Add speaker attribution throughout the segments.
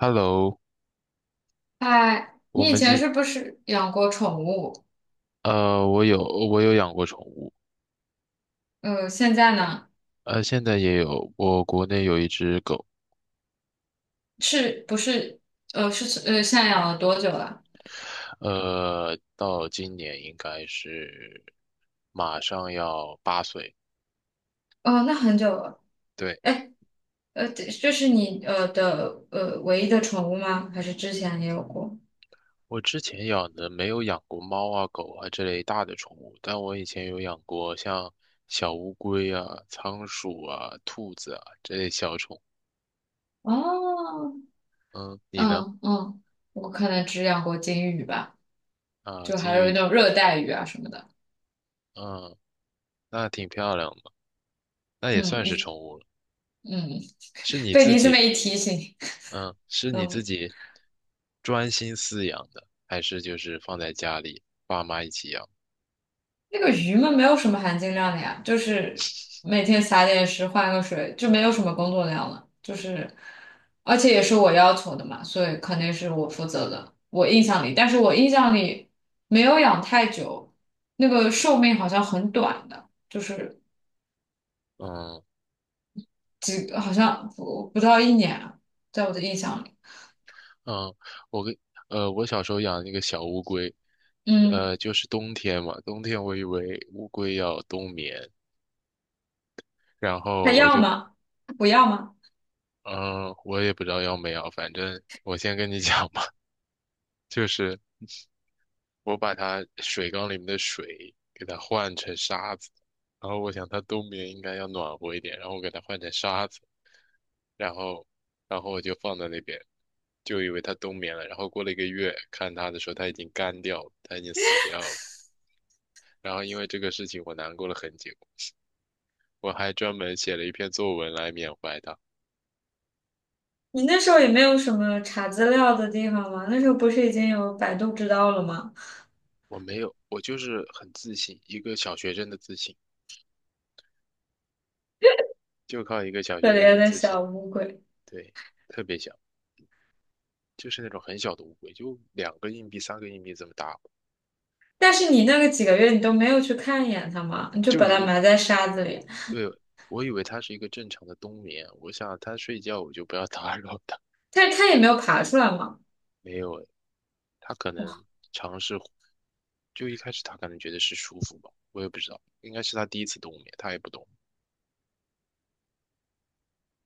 Speaker 1: Hello，
Speaker 2: 哎，
Speaker 1: 我
Speaker 2: 你以
Speaker 1: 们
Speaker 2: 前
Speaker 1: 今
Speaker 2: 是不是养过宠物？
Speaker 1: 我有养过宠物，
Speaker 2: 现在呢？
Speaker 1: 现在也有，我国内有一只狗，
Speaker 2: 是不是？现在养了多久了？
Speaker 1: 到今年应该是马上要8岁。
Speaker 2: 哦，那很久了。
Speaker 1: 对，
Speaker 2: 哎，这是你的唯一的宠物吗？还是之前也有过？
Speaker 1: 我之前养的没有养过猫啊、狗啊这类大的宠物，但我以前有养过像小乌龟啊、仓鼠啊、兔子啊这类小宠物。
Speaker 2: 哦，
Speaker 1: 嗯，你呢？
Speaker 2: 嗯嗯，我可能只养过金鱼吧，
Speaker 1: 啊，
Speaker 2: 就
Speaker 1: 金
Speaker 2: 还有那
Speaker 1: 鱼，
Speaker 2: 种热带鱼啊什么的。
Speaker 1: 嗯，那挺漂亮的，那也
Speaker 2: 嗯，
Speaker 1: 算是
Speaker 2: 一
Speaker 1: 宠物了，
Speaker 2: 嗯，
Speaker 1: 是你
Speaker 2: 被
Speaker 1: 自
Speaker 2: 你这么
Speaker 1: 己。
Speaker 2: 一提醒，
Speaker 1: 嗯，是你自
Speaker 2: 嗯。
Speaker 1: 己专心饲养的，还是就是放在家里爸妈一起养？
Speaker 2: 那个鱼嘛，没有什么含金量的呀，就是每天撒点食，换个水，就没有什么工作量了。就是，而且也是我要求的嘛，所以肯定是我负责的。我印象里，但是我印象里没有养太久，那个寿命好像很短的，就是
Speaker 1: 嗯
Speaker 2: 好像不到一年啊，在我的印象里。
Speaker 1: 嗯，我跟我小时候养那个小乌龟，
Speaker 2: 嗯，
Speaker 1: 就是冬天嘛，冬天我以为乌龟要冬眠，然
Speaker 2: 还
Speaker 1: 后我
Speaker 2: 要
Speaker 1: 就
Speaker 2: 吗？不要吗？
Speaker 1: 嗯，我也不知道要没有，反正我先跟你讲吧，就是我把它水缸里面的水给它换成沙子，然后我想它冬眠应该要暖和一点，然后我给它换成沙子，然后然后我就放在那边，就以为它冬眠了。然后过了一个月，看它的时候，它已经干掉了，它已经死掉了。然后因为这个事情，我难过了很久，我还专门写了一篇作文来缅怀它。
Speaker 2: 你那时候也没有什么查资料的地方吗？那时候不是已经有百度知道了吗？
Speaker 1: 我没有，我就是很自信，一个小学生的自信，就靠一个小
Speaker 2: 可
Speaker 1: 学生
Speaker 2: 怜
Speaker 1: 的
Speaker 2: 的
Speaker 1: 自
Speaker 2: 小
Speaker 1: 信，
Speaker 2: 乌龟。
Speaker 1: 对，特别小。就是那种很小的乌龟，就两个硬币、三个硬币这么大，
Speaker 2: 但是你那个几个月你都没有去看一眼它嘛，你就
Speaker 1: 就
Speaker 2: 把
Speaker 1: 一
Speaker 2: 它
Speaker 1: 个。
Speaker 2: 埋在沙子里，
Speaker 1: 对，我以为它是一个正常的冬眠，我想它睡觉我就不要打扰它，
Speaker 2: 但是它也没有爬出来嘛。
Speaker 1: 因为它可能就一开始它可能觉得是舒服吧，我也不知道，应该是它第一次冬眠，它也不懂，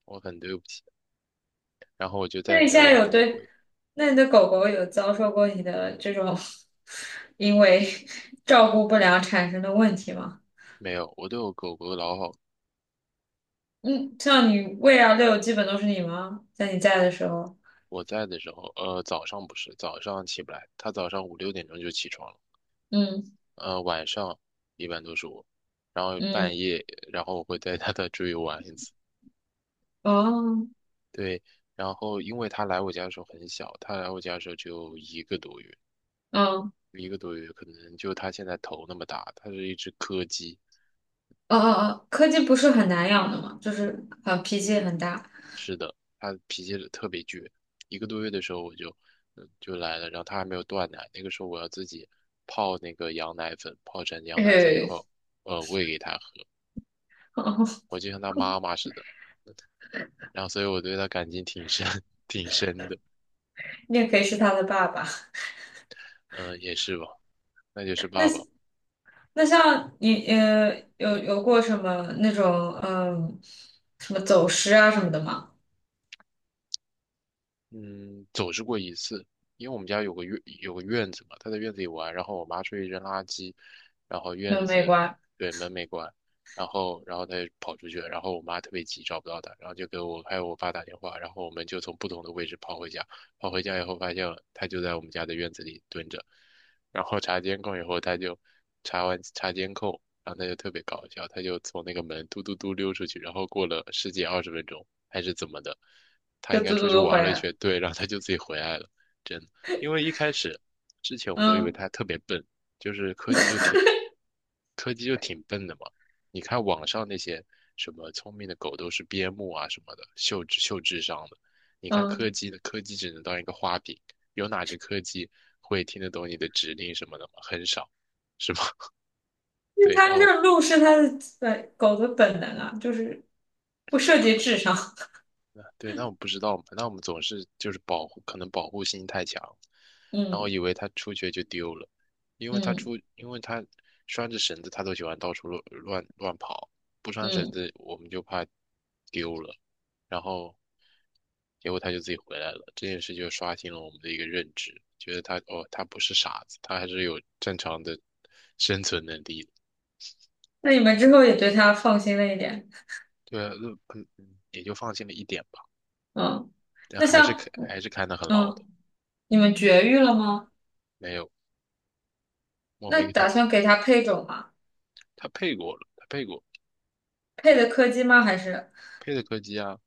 Speaker 1: 我很对不起。然后我就再
Speaker 2: 那
Speaker 1: 也
Speaker 2: 你
Speaker 1: 没有
Speaker 2: 现在
Speaker 1: 养过
Speaker 2: 有
Speaker 1: 乌
Speaker 2: 对，
Speaker 1: 龟，
Speaker 2: 那你的狗狗有遭受过你的这种因为照顾不良产生的问题吗？
Speaker 1: 没有，我对我狗狗老好。
Speaker 2: 嗯，像你喂啊遛，基本都是你吗？在你在的时候，
Speaker 1: 我在的时候，早上起不来，它早上五六点钟就起床了。
Speaker 2: 嗯
Speaker 1: 晚上一般都是我，然后半
Speaker 2: 嗯，
Speaker 1: 夜，然后我会带它再出去玩一次。
Speaker 2: 哦，
Speaker 1: 对，然后因为它来我家的时候很小，它来我家的时候只有一个多月，
Speaker 2: 嗯
Speaker 1: 一个多月可能就它现在头那么大，它是一只柯基，
Speaker 2: 哦哦哦，柯基不是很难养的吗？就是很脾气也很大，
Speaker 1: 它脾气特别倔。一个多月的时候我就，嗯就来了，然后它还没有断奶，那个时候我要自己泡那个羊奶粉，泡成羊奶粉以
Speaker 2: 嘿，
Speaker 1: 后，喂给它喝，
Speaker 2: 哦，
Speaker 1: 我就像它妈妈似的，然后所以我对它感情挺深，挺深的。
Speaker 2: 你也可以是它的爸爸。
Speaker 1: 嗯，也是吧，那就是爸爸。
Speaker 2: 那像你有过什么那种嗯，什么走失啊什么的吗？
Speaker 1: 嗯，走失过一次，因为我们家有个院子嘛，他在院子里玩，然后我妈出去扔垃圾，然后
Speaker 2: 那
Speaker 1: 院
Speaker 2: 有没
Speaker 1: 子
Speaker 2: 关，
Speaker 1: 对门没关，然后他就跑出去了，然后我妈特别急找不到他，然后就给我还有我爸打电话，然后我们就从不同的位置跑回家，跑回家以后发现他就在我们家的院子里蹲着，然后查监控以后查完查监控，然后他就特别搞笑，他就从那个门嘟嘟嘟溜出去，然后过了十几二十分钟还是怎么的。他
Speaker 2: 就
Speaker 1: 应该
Speaker 2: 嘟
Speaker 1: 出
Speaker 2: 嘟
Speaker 1: 去
Speaker 2: 嘟回
Speaker 1: 玩了
Speaker 2: 来
Speaker 1: 一
Speaker 2: 了。
Speaker 1: 圈，对，然后他就自己回来了，真的。因为一开始之前我们都以为
Speaker 2: 嗯
Speaker 1: 他特别笨，就是柯基就挺笨的嘛。你看网上那些什么聪明的狗都是边牧啊什么的，秀智秀智商的。你看柯
Speaker 2: 嗯，
Speaker 1: 基的柯基只能当一个花瓶，有哪只柯基会听得懂你的指令什么的吗？很少，是吧？
Speaker 2: 因为
Speaker 1: 对，
Speaker 2: 它这个路是它的本狗的本能啊，就是不涉及智商。
Speaker 1: 那我不知道嘛，那我们总是就是保护，可能保护心太强，然后
Speaker 2: 嗯
Speaker 1: 以为他出去就丢了，
Speaker 2: 嗯
Speaker 1: 因为他拴着绳子，他都喜欢到处乱跑，不拴绳
Speaker 2: 嗯，
Speaker 1: 子我们就怕丢了，然后结果他就自己回来了，这件事就刷新了我们的一个认知，觉得他哦，他不是傻子，他还是有正常的生存能力的，
Speaker 2: 那你们之后也对它放心了一点。
Speaker 1: 对啊，那嗯嗯，也就放心了一点吧，
Speaker 2: 嗯，
Speaker 1: 但
Speaker 2: 那
Speaker 1: 还是看
Speaker 2: 像
Speaker 1: 还是看得很牢的，
Speaker 2: 嗯，你们绝育了吗？
Speaker 1: 没有，我
Speaker 2: 那
Speaker 1: 没给它
Speaker 2: 打
Speaker 1: 卷。
Speaker 2: 算给它配种吗？
Speaker 1: 他配过了，他配过，
Speaker 2: 配的柯基吗？还是？
Speaker 1: 配的柯基啊，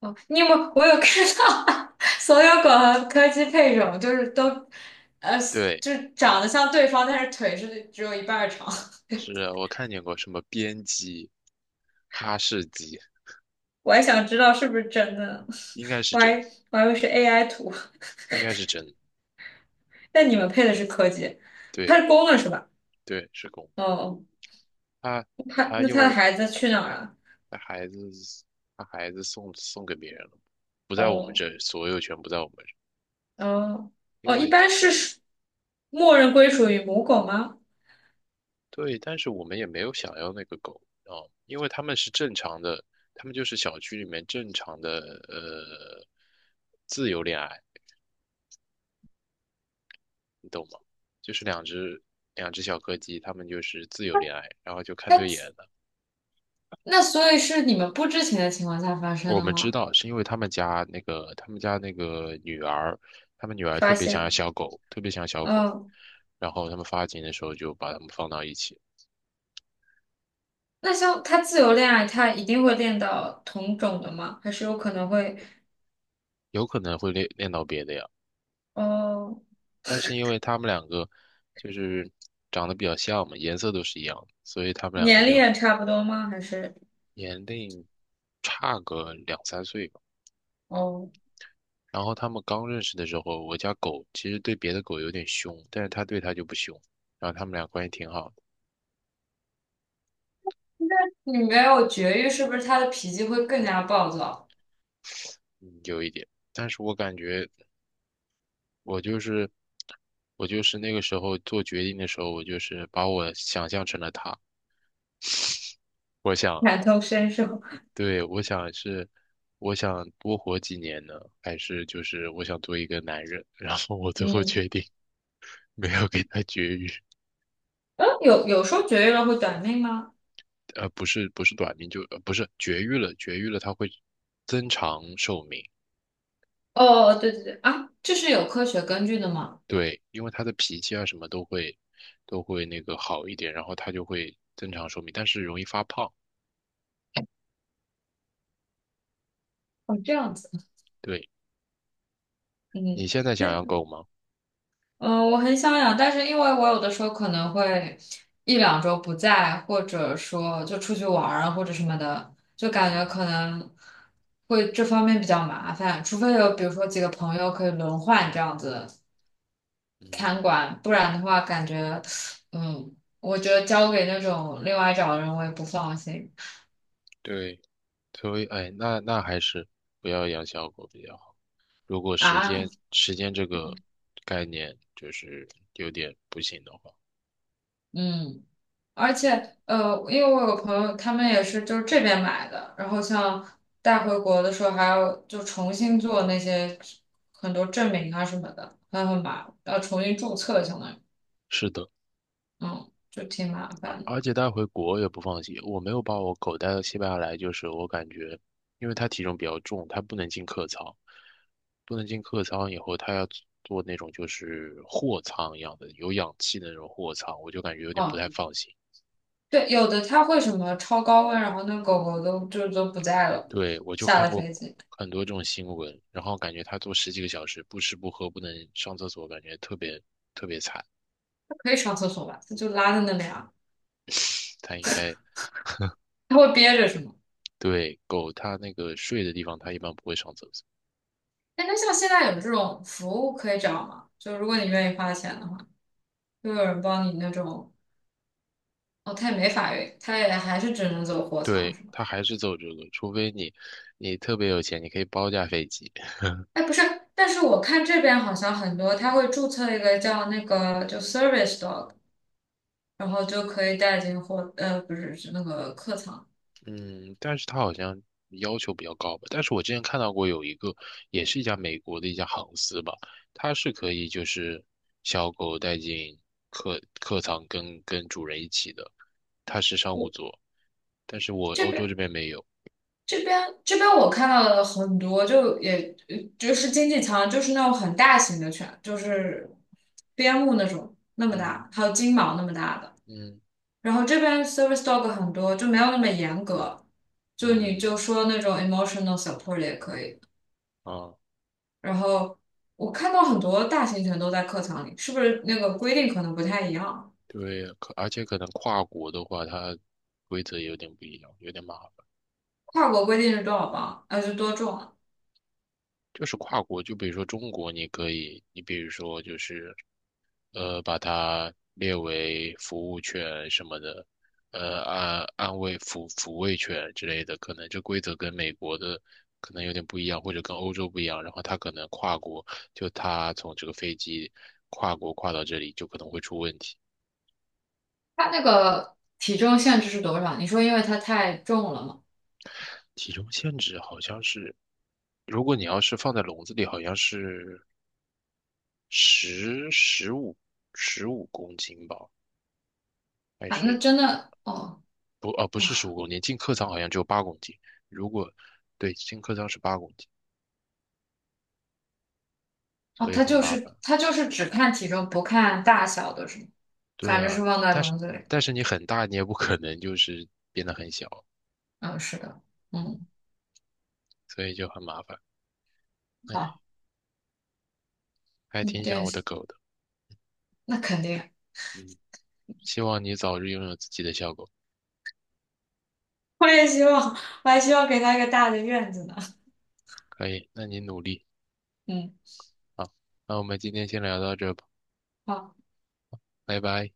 Speaker 2: 哦，你有没有？我有看到 所有狗和柯基配种，就是都，呃，
Speaker 1: 对，
Speaker 2: 就是长得像对方，但是腿是只有一半儿长。
Speaker 1: 是啊我看见过什么边鸡、哈士奇，
Speaker 2: 我还想知道是不是真的呢
Speaker 1: 应该 是
Speaker 2: 我还
Speaker 1: 真，
Speaker 2: 我还以为是 AI 图。
Speaker 1: 应该是真，
Speaker 2: 但你们配的是柯基，
Speaker 1: 对
Speaker 2: 它是公的是吧？
Speaker 1: 对，是公，
Speaker 2: 哦，
Speaker 1: 他
Speaker 2: 它
Speaker 1: 他
Speaker 2: 那
Speaker 1: 因
Speaker 2: 它的
Speaker 1: 为
Speaker 2: 孩子去哪儿了？
Speaker 1: 他孩子把孩子送给别人了，不在我们
Speaker 2: 哦
Speaker 1: 这，所有权不在我们这，
Speaker 2: 哦
Speaker 1: 因
Speaker 2: 哦，一
Speaker 1: 为
Speaker 2: 般是默认归属于母狗吗？
Speaker 1: 对，但是我们也没有想要那个狗啊，因为他们是正常的，他们就是小区里面正常的呃自由恋爱。你懂吗？就是两只小柯基，它们就是自由恋爱，然后就看对眼
Speaker 2: 那
Speaker 1: 了。
Speaker 2: 那所以是你们不知情的情况下发生
Speaker 1: 我
Speaker 2: 的
Speaker 1: 们知
Speaker 2: 吗？
Speaker 1: 道是因为他们家那个女儿，他们女儿特
Speaker 2: 发
Speaker 1: 别想要
Speaker 2: 现，
Speaker 1: 小狗，特别想要小狗，
Speaker 2: 嗯。
Speaker 1: 然后他们发情的时候就把它们放到一起，
Speaker 2: 那像他自由恋爱，他一定会恋到同种的吗？还是有可能会，
Speaker 1: 有可能会恋到别的呀。
Speaker 2: 哦，
Speaker 1: 但是因为他们两个就是长得比较像嘛，颜色都是一样的所以他们两个
Speaker 2: 年龄
Speaker 1: 就
Speaker 2: 也差不多吗？还是
Speaker 1: 年龄差个2、3岁吧。
Speaker 2: 哦，
Speaker 1: 然后他们刚认识的时候，我家狗其实对别的狗有点凶，但是它对它就不凶。然后他们俩关系挺好的，
Speaker 2: 你没有绝育，是不是他的脾气会更加暴躁？
Speaker 1: 嗯，有一点。但是我感觉我就是我就是那个时候做决定的时候，我就是把我想象成了它。我想，
Speaker 2: 感同身受？
Speaker 1: 对，我想是我想多活几年呢，还是就是我想做一个男人？然后我最后决
Speaker 2: 嗯，
Speaker 1: 定没有给它绝育，
Speaker 2: 有说绝育了会短命吗？
Speaker 1: 不是不是短命，就不是绝育了，绝育了它会增长寿命。
Speaker 2: 哦，对对对，啊，这是有科学根据的吗？
Speaker 1: 对，因为他的脾气啊什么都会那个好一点，然后他就会增长寿命，但是容易发胖。
Speaker 2: 哦，这样子，
Speaker 1: 对，你
Speaker 2: 嗯，
Speaker 1: 现在
Speaker 2: 那
Speaker 1: 想养狗吗？
Speaker 2: 嗯，我很想养，但是因为我有的时候可能会一两周不在，或者说就出去玩儿啊，或者什么的，就感觉
Speaker 1: 嗯
Speaker 2: 可能会这方面比较麻烦，除非有比如说几个朋友可以轮换这样子
Speaker 1: 嗯，
Speaker 2: 看管，不然的话感觉，嗯，我觉得交给那种另外找的人我也不放心
Speaker 1: 对，所以哎，那还是不要养小狗比较好。如果时
Speaker 2: 啊，
Speaker 1: 间时间这个概念就是有点不行的话，
Speaker 2: 嗯。而
Speaker 1: 对，
Speaker 2: 且，因为我有个朋友，他们也是就是这边买的，然后像带回国的时候还要就重新做那些很多证明啊什么的，还很麻烦，要重新注册，相当于，
Speaker 1: 是的。
Speaker 2: 嗯，就挺麻烦的。
Speaker 1: 而且带回国也不放心，我没有把我狗带到西班牙来，就是我感觉，因为它体重比较重，它不能进客舱，不能进客舱以后，它要坐那种就是货舱一样的，有氧气的那种货舱，我就感觉有点不
Speaker 2: 哦，
Speaker 1: 太放心。
Speaker 2: 对，有的它会什么超高温，然后那狗狗都就都不在了，
Speaker 1: 对，我就
Speaker 2: 下
Speaker 1: 看
Speaker 2: 了
Speaker 1: 过
Speaker 2: 飞机，
Speaker 1: 很多这种新闻，然后感觉它坐十几个小时，不吃不喝，不能上厕所，感觉特别
Speaker 2: 它可以上厕所吧？它就拉在那里啊，
Speaker 1: 它应该，
Speaker 2: 它会憋着是吗？
Speaker 1: 对，狗它那个睡的地方，它一般不会上厕所。
Speaker 2: 哎，那像现在有这种服务可以找吗？就如果你愿意花钱的话，就有人帮你那种。哦，他也没法运，他也还是只能走货仓
Speaker 1: 对，
Speaker 2: 是吗？
Speaker 1: 他还是走这个，除非你特别有钱，你可以包架飞机。
Speaker 2: 哎，不是，但是我看这边好像很多，他会注册一个叫那个就 service dog，然后就可以带进货，呃，不是是那个客仓。
Speaker 1: 嗯，但是他好像要求比较高吧。但是我之前看到过有一个，也是一家美国的一家航司吧，它是可以就是小狗带进客舱跟主人一起的，它是商务座，但是我
Speaker 2: 这
Speaker 1: 欧洲
Speaker 2: 边
Speaker 1: 这边没有。
Speaker 2: 这边我看到的很多，就也呃就是经济舱，就是那种很大型的犬，就是边牧那种那么
Speaker 1: 嗯
Speaker 2: 大，还有金毛那么大的。
Speaker 1: 嗯
Speaker 2: 然后这边 service dog 很多，就没有那么严格，就你就
Speaker 1: 嗯
Speaker 2: 说那种 emotional support 也可以。
Speaker 1: 啊，
Speaker 2: 然后我看到很多大型犬都在客舱里，是不是那个规定可能不太一样？
Speaker 1: 对，而且可能跨国的话，它规则有点不一样，有点麻烦。
Speaker 2: 跨国规定是多少磅？呃，是多重啊？
Speaker 1: 就是跨国，就比如说中国，你可以，你比如说就是把它列为服务犬什么的，安安慰抚抚慰犬之类的，可能这规则跟美国的可能有点不一样，或者跟欧洲不一样，然后它可能跨国，就它从这个飞机跨国跨到这里，就可能会出问题。
Speaker 2: 它那个体重限制是多少？你说因为它太重了吗？
Speaker 1: 体重限制好像是，如果你要是放在笼子里，好像是十十五十五公斤吧。还
Speaker 2: 啊，那
Speaker 1: 是
Speaker 2: 真的哦
Speaker 1: 不，不是十五公斤，进客舱好像只有八公斤。如果对，进客舱是八公斤，
Speaker 2: 哦，
Speaker 1: 所以
Speaker 2: 它
Speaker 1: 很
Speaker 2: 就
Speaker 1: 麻
Speaker 2: 是
Speaker 1: 烦。
Speaker 2: 它就是只看体重不看大小的是吗？
Speaker 1: 对
Speaker 2: 反正
Speaker 1: 啊，
Speaker 2: 是放在
Speaker 1: 但是
Speaker 2: 笼子里。
Speaker 1: 但是你很大，你也不可能就是变得很小，
Speaker 2: 嗯，是的，
Speaker 1: 嗯，
Speaker 2: 嗯，
Speaker 1: 所以就很麻烦。哎，
Speaker 2: 好，
Speaker 1: 还
Speaker 2: 嗯，
Speaker 1: 挺想
Speaker 2: 对，
Speaker 1: 我的狗的，
Speaker 2: 那肯定，
Speaker 1: 嗯，希望你早日拥有自己的小狗。
Speaker 2: 我也希望，我还希望给他一个大的院子呢。
Speaker 1: 可以，那你努力
Speaker 2: 嗯。
Speaker 1: 啊。那我们今天先聊到这吧，
Speaker 2: 好。
Speaker 1: 拜拜。